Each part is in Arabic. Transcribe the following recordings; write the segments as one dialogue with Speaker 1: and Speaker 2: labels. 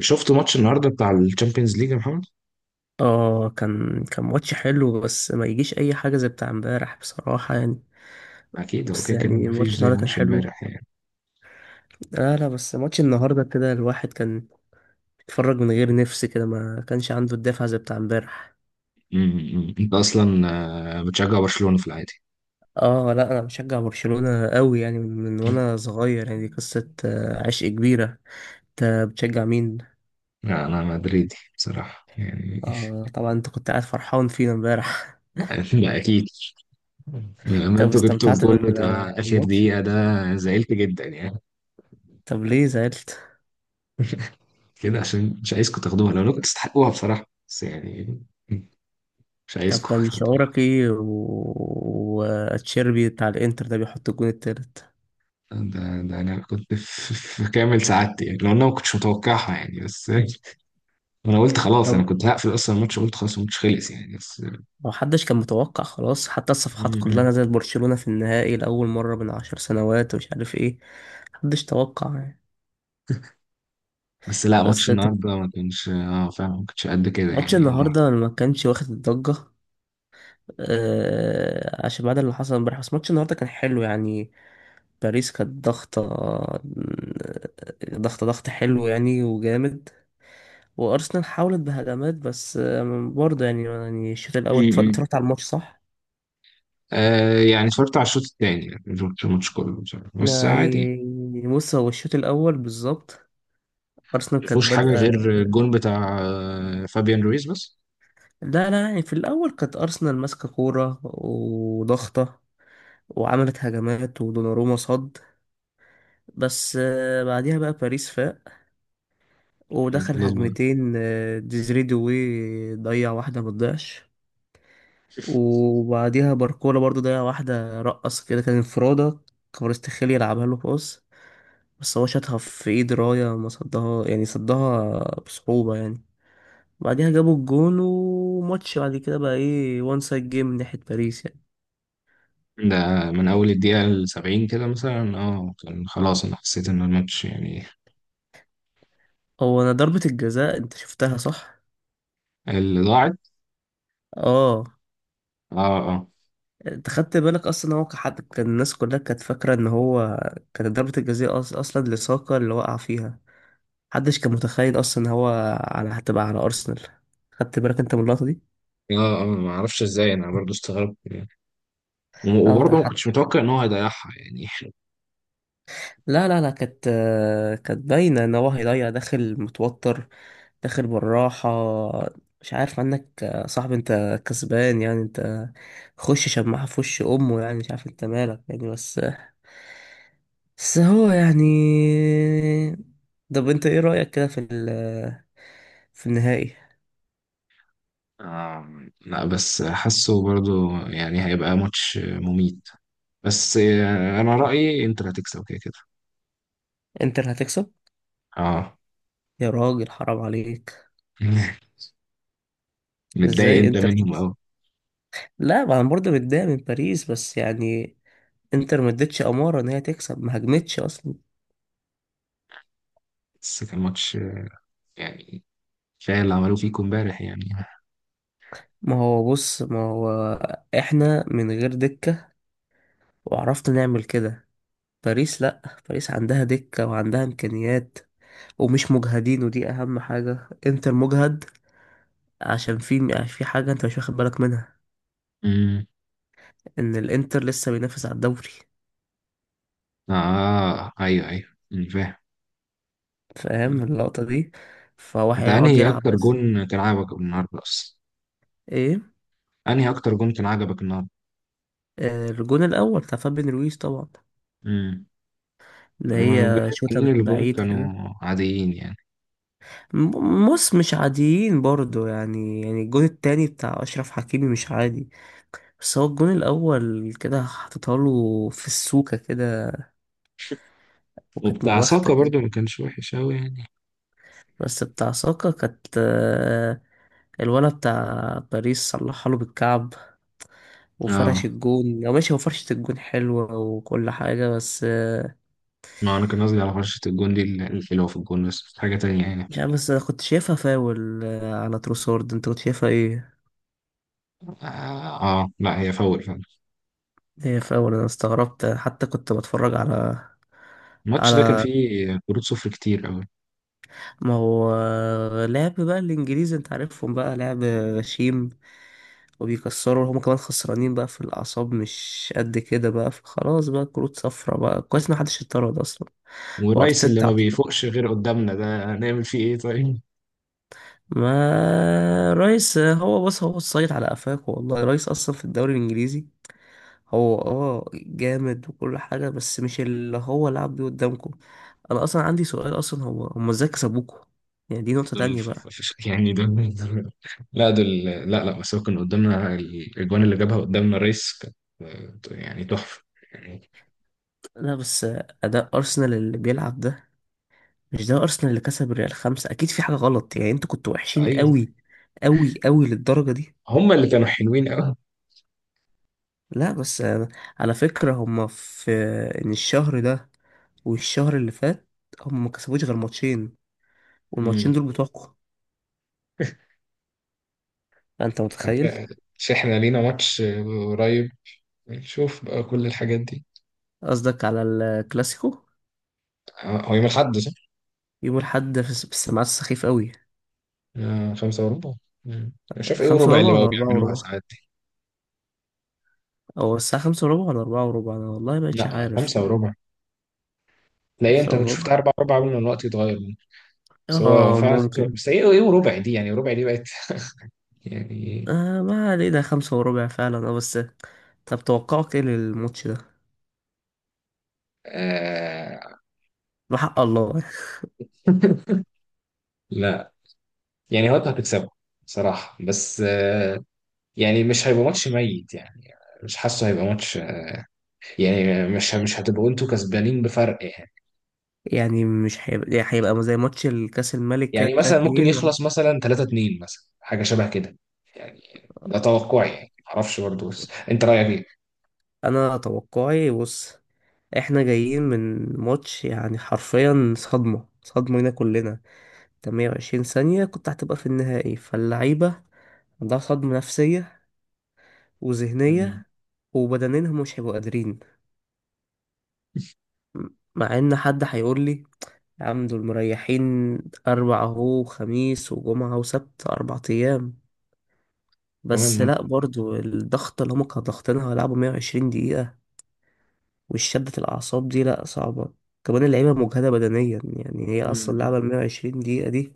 Speaker 1: شفت ماتش النهارده بتاع الشامبيونز ليج يا محمد.
Speaker 2: اه كان ماتش حلو بس ما يجيش اي حاجه زي بتاع امبارح بصراحه يعني.
Speaker 1: اكيد هو
Speaker 2: بس
Speaker 1: كده كده
Speaker 2: يعني
Speaker 1: ما فيش
Speaker 2: ماتش
Speaker 1: زي
Speaker 2: النهارده كان
Speaker 1: ماتش
Speaker 2: حلو.
Speaker 1: امبارح يعني.
Speaker 2: لا بس ماتش النهارده كده الواحد كان بيتفرج من غير نفس كده ما كانش عنده الدافع زي بتاع امبارح.
Speaker 1: انت اصلا بتشجع برشلونة في العادي؟
Speaker 2: اه لا انا بشجع برشلونه قوي يعني من وانا صغير يعني دي قصه عشق كبيره. انت بتشجع مين؟
Speaker 1: لا انا مدريدي بصراحة يعني.
Speaker 2: اه طبعا انت كنت قاعد فرحان فينا امبارح.
Speaker 1: لا اكيد. لما
Speaker 2: طب
Speaker 1: انتوا جبتوا
Speaker 2: استمتعت
Speaker 1: الجول بتاع اخر
Speaker 2: بالماتش؟
Speaker 1: دقيقة ده زعلت جدا يعني.
Speaker 2: طب ليه زعلت؟
Speaker 1: كده عشان مش عايزكم تاخدوها لو كنتوا تستحقوها بصراحة بس يعني مش
Speaker 2: طب
Speaker 1: عايزكم
Speaker 2: كان
Speaker 1: تاخدوها.
Speaker 2: شعورك ايه وتشيربي بتاع الانتر ده بيحط الجون التالت؟
Speaker 1: ده انا كنت في كامل سعادتي يعني، لو انا ما كنتش متوقعها يعني. بس انا قلت خلاص، انا
Speaker 2: طب
Speaker 1: كنت هقفل اصلا الماتش، قلت خلاص الماتش خلص يعني بس.
Speaker 2: محدش كان متوقع خلاص، حتى الصفحات كلها
Speaker 1: مم.
Speaker 2: نزلت برشلونة في النهائي لأول مرة من عشر سنوات ومش عارف ايه. محدش توقع يعني.
Speaker 1: بس لا
Speaker 2: بس
Speaker 1: ماتش
Speaker 2: ت-
Speaker 1: النهارده ما كانش فعلا، ما كانش قد كده
Speaker 2: ماتش
Speaker 1: يعني هو.
Speaker 2: النهاردة ما كانش واخد الضجة آه عشان بعد اللي حصل امبارح، بس ماتش النهاردة كان حلو يعني. باريس كانت ضغطة، ضغط حلو يعني وجامد. وارسنال حاولت بهجمات بس برضه يعني، يعني الشوط الاول
Speaker 1: مم.
Speaker 2: اتفرجت على الماتش صح؟
Speaker 1: آه، يعني اتفرجت على الشوط الثاني، يعني مش شفت الماتش كله بصراحة. بس عادي يعني.
Speaker 2: يعني بص هو الشوط الاول بالظبط ارسنال
Speaker 1: ما
Speaker 2: كانت
Speaker 1: فيهوش حاجه
Speaker 2: بادئه.
Speaker 1: غير الجون بتاع فابيان رويز بس.
Speaker 2: لا يعني في الاول كانت ارسنال ماسكه كوره وضغطه وعملت هجمات ودوناروما صد. بس بعديها بقى باريس فاق
Speaker 1: مم.
Speaker 2: ودخل
Speaker 1: خلاص بقى.
Speaker 2: هجمتين. ديزري دوي ضيع واحده ما تضيعش. وبعديها باركولا برضو ضيع واحده، رقص كده كان انفرادة، كفاراتسخيليا لعبها له باص بس هو شاطها في ايد رايا ما صدها يعني صدها بصعوبة يعني. بعدها جابوا الجون وماتش بعد كده بقى ايه، وان سايد جيم من ناحية باريس يعني.
Speaker 1: ده من اول الدقيقه ال 70 كده مثلا، كان خلاص انا حسيت ان الماتش يعني.
Speaker 2: هو انا ضربة الجزاء انت شفتها صح؟
Speaker 1: اللي ضاعت.
Speaker 2: اه
Speaker 1: اه، اه،
Speaker 2: انت خدت بالك اصلا، هو كحد كان الناس كلها كانت فاكرة ان هو كانت ضربة الجزاء اصلا لساكا اللي وقع فيها. محدش كان متخيل اصلا ان هو على هتبقى على ارسنال. خدت بالك انت من اللقطة دي؟
Speaker 1: اه، اه، ما اعرفش ازاي، انا برضو استغربت يعني.
Speaker 2: اه ده
Speaker 1: وبرضه ما كنتش متوقع ان هو هيضيعها يعني.
Speaker 2: لا كانت، كانت باينة ان هو هيضيع، داخل متوتر، داخل بالراحة. مش عارف عنك يا صاحبي، انت كسبان يعني، انت خش شماعة في وش امه يعني مش عارف انت مالك يعني، بس بس هو يعني. طب انت ايه رأيك كده في في النهائي؟
Speaker 1: لا بس حاسه برضو يعني هيبقى ماتش مميت. بس انا رأيي انتر هتكسب كده كده.
Speaker 2: انتر هتكسب؟
Speaker 1: اه.
Speaker 2: يا راجل حرام عليك.
Speaker 1: متضايق
Speaker 2: ازاي
Speaker 1: انت
Speaker 2: انتر
Speaker 1: منهم
Speaker 2: تكسب؟
Speaker 1: قوي.
Speaker 2: لا ما انا برضه متضايق من باريس بس يعني، انتر ما ادتش اماره ان هي تكسب، ما هجمتش اصلا.
Speaker 1: بس كان ماتش يعني كفايه اللي عملوه فيكم امبارح يعني.
Speaker 2: ما هو بص، ما هو احنا من غير دكة وعرفنا نعمل كده، باريس لأ. باريس عندها دكة وعندها إمكانيات ومش مجهدين، ودي أهم حاجة، انتر مجهد. عشان في، في حاجة انت مش واخد بالك منها،
Speaker 1: امم،
Speaker 2: ان الانتر لسه بينافس على الدوري.
Speaker 1: اه، ايوه، ايوه، أمم، فاهم. أمم.
Speaker 2: فاهم اللقطة دي؟ فهو
Speaker 1: انت
Speaker 2: هيقعد
Speaker 1: انهي
Speaker 2: يلعب
Speaker 1: اكتر
Speaker 2: بس.
Speaker 1: جون كان عجبك النهارده اصلا؟
Speaker 2: ايه؟
Speaker 1: انهي اكتر جون كان عجبك النهارده؟
Speaker 2: الجون الأول بتاع فابين رويز طبعا،
Speaker 1: امم.
Speaker 2: اللي
Speaker 1: أما الجون
Speaker 2: هي شوطة
Speaker 1: التانيين اللي
Speaker 2: من
Speaker 1: جون
Speaker 2: بعيد كده.
Speaker 1: كانوا عاديين يعني.
Speaker 2: بص مش عاديين برضو يعني، يعني الجون التاني بتاع أشرف حكيمي مش عادي. بس هو الجون الأول كده حطيتها له في السوكة كده وكانت
Speaker 1: وبتاع
Speaker 2: مباختة
Speaker 1: ساكا
Speaker 2: كده.
Speaker 1: برضو ما كانش وحش قوي يعني.
Speaker 2: بس بتاع ساكا كانت، الولا بتاع باريس صلحها له بالكعب وفرش
Speaker 1: اه،
Speaker 2: الجون، أو ماشي هو فرشة الجون حلوة وكل حاجة بس
Speaker 1: ما انا كان قصدي على فرشة الجون دي الحلوة في الجون، بس مش حاجة تانية يعني.
Speaker 2: مش عارف. بس أنا كنت شايفها فاول، على تروسورد. أنت كنت شايفها إيه؟
Speaker 1: اه، آه، لا هي فاول فعلا.
Speaker 2: هي فاول أنا استغربت، حتى كنت بتفرج على،
Speaker 1: الماتش ده كان
Speaker 2: على
Speaker 1: فيه كروت صفر كتير قوي.
Speaker 2: ما هو لعب بقى الانجليز انت عارفهم بقى لعب غشيم وبيكسروا هما كمان، خسرانين بقى في الاعصاب مش قد كده بقى، فخلاص بقى كروت صفرة بقى كويس ما حدش اتطرد اصلا.
Speaker 1: ورايس اللي
Speaker 2: وارتيتا
Speaker 1: ما
Speaker 2: عصب.
Speaker 1: بيفوقش غير قدامنا ده، هنعمل فيه ايه طيب؟
Speaker 2: ما رئيس هو بص، هو الصيد على قفاك والله، رئيس اصلا في الدوري الانجليزي هو اه جامد وكل حاجة بس مش اللي هو لعب بيه قدامكم. انا اصلا عندي سؤال اصلا، هو هما ازاي كسبوكوا؟ يعني دي نقطة
Speaker 1: دول
Speaker 2: تانية بقى.
Speaker 1: يعني دول لا دول، لا، لا، بس هو كان قدامنا الاجوان اللي جابها قدامنا، رايس كانت يعني تحفة يعني.
Speaker 2: لا بس أداء أرسنال اللي بيلعب ده مش ده ارسنال اللي كسب ريال خمسة، اكيد في حاجة غلط يعني، انتوا كنتوا وحشين
Speaker 1: ايوه.
Speaker 2: قوي، قوي قوي للدرجة دي.
Speaker 1: هما اللي كانوا حلوين قوي.
Speaker 2: لا بس على فكرة هما في، ان الشهر ده والشهر اللي فات هما ما كسبوش غير ماتشين، والماتشين
Speaker 1: مم.
Speaker 2: دول بتوعكم. انت متخيل؟
Speaker 1: مش احنا لينا ماتش قريب؟ نشوف بقى كل الحاجات دي.
Speaker 2: قصدك على الكلاسيكو.
Speaker 1: هو يوم الاحد صح؟
Speaker 2: يوم الحد في في السماعات السخيف قوي.
Speaker 1: خمسة وربع. مم. أنا شايف إيه
Speaker 2: خمسة
Speaker 1: وربع
Speaker 2: وربع
Speaker 1: اللي
Speaker 2: ولا
Speaker 1: بقوا
Speaker 2: أربعة
Speaker 1: بيعملوها
Speaker 2: وربع؟
Speaker 1: ساعات دي.
Speaker 2: أو الساعة خمسة وربع ولا أربعة وربع؟ أنا والله مبقتش
Speaker 1: لا،
Speaker 2: عارف.
Speaker 1: خمسة وربع. تلاقي
Speaker 2: خمسة
Speaker 1: أنت كنت
Speaker 2: وربع،
Speaker 1: شفتها أربعة وربع قبل ما الوقت يتغير منه. بس هو
Speaker 2: اه
Speaker 1: فعلا خمسة وربع.
Speaker 2: ممكن.
Speaker 1: بس إيه، إيه وربع دي، يعني ربع دي بقت يعني.
Speaker 2: آه ما علينا، خمسة وربع فعلا اه. بس طب توقعك ايه للماتش ده،
Speaker 1: آه
Speaker 2: بحق الله؟
Speaker 1: لا، يعني هو أنت هتكسبه صراحة، بس يعني مش هيبقى ماتش ميت يعني. مش حاسه هيبقى ماتش، يعني مش هتبقوا أنتوا كسبانين بفرق يعني.
Speaker 2: يعني مش هيبقى، يعني هيبقى زي ماتش الكاس الملك كده
Speaker 1: يعني
Speaker 2: بتاع
Speaker 1: مثلا ممكن
Speaker 2: اتنين، ولا؟
Speaker 1: يخلص مثلا 3-2 مثلا، حاجة شبه كده يعني. ده توقعي يعني، معرفش برضه. بس أنت رأيك
Speaker 2: انا توقعي بص، احنا جايين من ماتش يعني حرفيا صدمة، لينا كلنا. انت 120 ثانية كنت هتبقى في النهائي، فاللعيبة عندها صدمة نفسية
Speaker 1: إيه؟
Speaker 2: وذهنية. وبدنيا هم مش هيبقوا قادرين. مع ان حد هيقول لي يا عم دول مريحين، أربع أهو، خميس وجمعة وسبت، أربع أيام. بس
Speaker 1: كمان.
Speaker 2: لأ برضو الضغط اللي هما كانوا ضاغطينها هيلعبوا 120 دقيقة والشدة الأعصاب دي لأ صعبة. كمان اللعيبة مجهدة بدنيا، يعني هي أصلا
Speaker 1: مم.
Speaker 2: لعبة ال 120 دقيقة دي،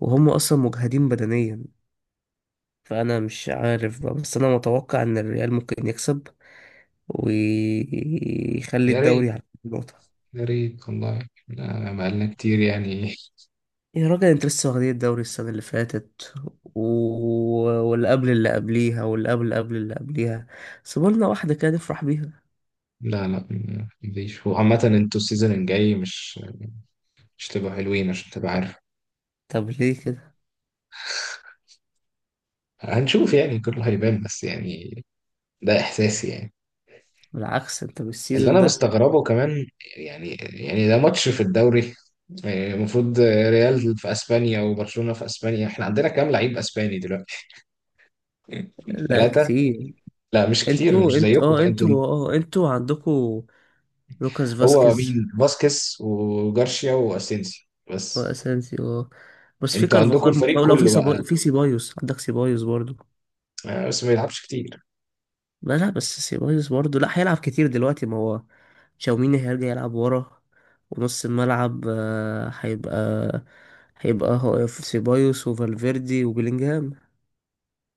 Speaker 2: وهم أصلا مجهدين بدنيا. فأنا مش عارف بقى، بس أنا متوقع إن الريال ممكن يكسب ويخلي
Speaker 1: يا
Speaker 2: الدوري
Speaker 1: ريت.
Speaker 2: على نقطة.
Speaker 1: يا ريت والله، لا، بقالنا كتير يعني.
Speaker 2: يا راجل انت لسه واخدين الدوري السنة اللي فاتت و... واللي قبل اللي قبليها، واللي قبل قبل اللي قبليها. سيبولنا واحدة كده نفرح بيها.
Speaker 1: لا، لا، مفيش. وعامة انتوا السيزون الجاي مش تبقوا حلوين، عشان تبقى عارف.
Speaker 2: طب ليه كده؟
Speaker 1: هنشوف يعني، كله هيبان بس يعني. ده احساسي يعني.
Speaker 2: بالعكس انت
Speaker 1: اللي
Speaker 2: بالسيزون
Speaker 1: انا
Speaker 2: ده.
Speaker 1: مستغربه كمان، يعني ده ماتش في الدوري. يعني المفروض ريال في اسبانيا وبرشلونة في اسبانيا، احنا عندنا كام لعيب اسباني دلوقتي؟
Speaker 2: لا
Speaker 1: ثلاثة.
Speaker 2: كتير.
Speaker 1: لا مش كتير،
Speaker 2: انتوا،
Speaker 1: مش
Speaker 2: انت
Speaker 1: زيكم
Speaker 2: اه
Speaker 1: انتوا.
Speaker 2: انتوا اه انتوا عندكوا لوكاس
Speaker 1: هو
Speaker 2: فاسكيز
Speaker 1: مين؟ فاسكيز وجارشيا واسينسيو بس.
Speaker 2: واسانسيو اه. بس في
Speaker 1: انتوا عندكم
Speaker 2: كارفاخال
Speaker 1: الفريق
Speaker 2: مصاب، لو في
Speaker 1: كله بقى.
Speaker 2: في سيبايوس، عندك سيبايوس برضو.
Speaker 1: بس ما يلعبش كتير.
Speaker 2: لا بس سيبايوس برضه لا هيلعب كتير دلوقتي، ما هو تشاوميني هيرجع يلعب ورا، ونص الملعب هيبقى هو في سيبايوس وفالفيردي وبيلينجهام.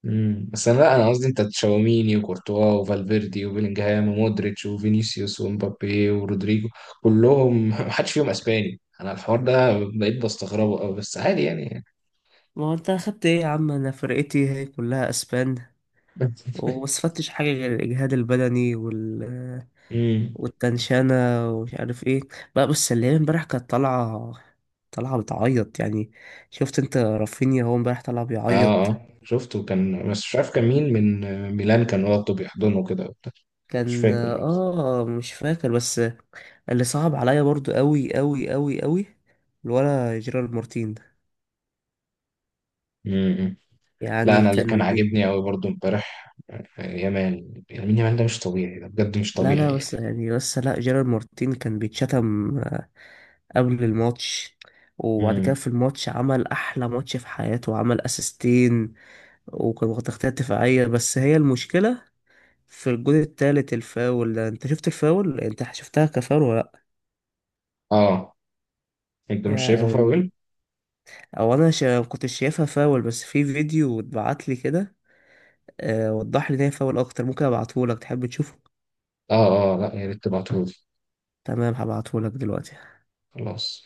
Speaker 1: بس انا، لا انا قصدي انت تشاوميني وكورتوا وفالفيردي وبيلينجهام ومودريتش وفينيسيوس ومبابي ورودريجو كلهم محدش فيهم اسباني. انا الحوار ده بقيت بستغربه قوي، بس عادي يعني.
Speaker 2: ما هو انت اخدت ايه يا عم، انا فرقتي هي كلها اسبان وما استفدتش حاجه غير الاجهاد البدني وال،
Speaker 1: امم.
Speaker 2: والتنشانه ومش عارف ايه بقى. بس اللي هي امبارح كانت طالعه، طالعه بتعيط يعني. شفت انت رافينيا هو امبارح طالع
Speaker 1: اه،
Speaker 2: بيعيط؟
Speaker 1: اه، شفته كان، بس مش عارف كان مين، من ميلان كان واخده بيحضنه كده وبتاع. مش
Speaker 2: كان
Speaker 1: فاكر بس.
Speaker 2: اه مش فاكر بس. اللي صعب عليا برضو قوي قوي قوي قوي الولا جيرارد مارتين ده،
Speaker 1: امم لا
Speaker 2: يعني
Speaker 1: انا اللي
Speaker 2: كان
Speaker 1: كان
Speaker 2: بي...
Speaker 1: عاجبني قوي برضو امبارح يامال، يمين يامال ده مش طبيعي، ده بجد مش
Speaker 2: لا لا
Speaker 1: طبيعي.
Speaker 2: بس يعني بس لا جيرارد مارتين كان بيتشتم قبل الماتش، وبعد كده
Speaker 1: امم.
Speaker 2: في الماتش عمل احلى ماتش في حياته وعمل اسيستين وكان واخد تغطية دفاعية. بس هي المشكلة في الجون التالت الفاول ده، انت شفت الفاول، انت شفتها كفاول ولا لا؟
Speaker 1: اه. انت مش شايفه
Speaker 2: يعني
Speaker 1: فاول.
Speaker 2: او كنت شايفها فاول، بس في فيديو اتبعت لي كده وضح لي ده يفول اكتر. ممكن ابعتهولك، تحب تشوفه؟
Speaker 1: اه، اه، لا، يا ريت تبعتهولي.
Speaker 2: تمام هبعتهولك دلوقتي.
Speaker 1: خلاص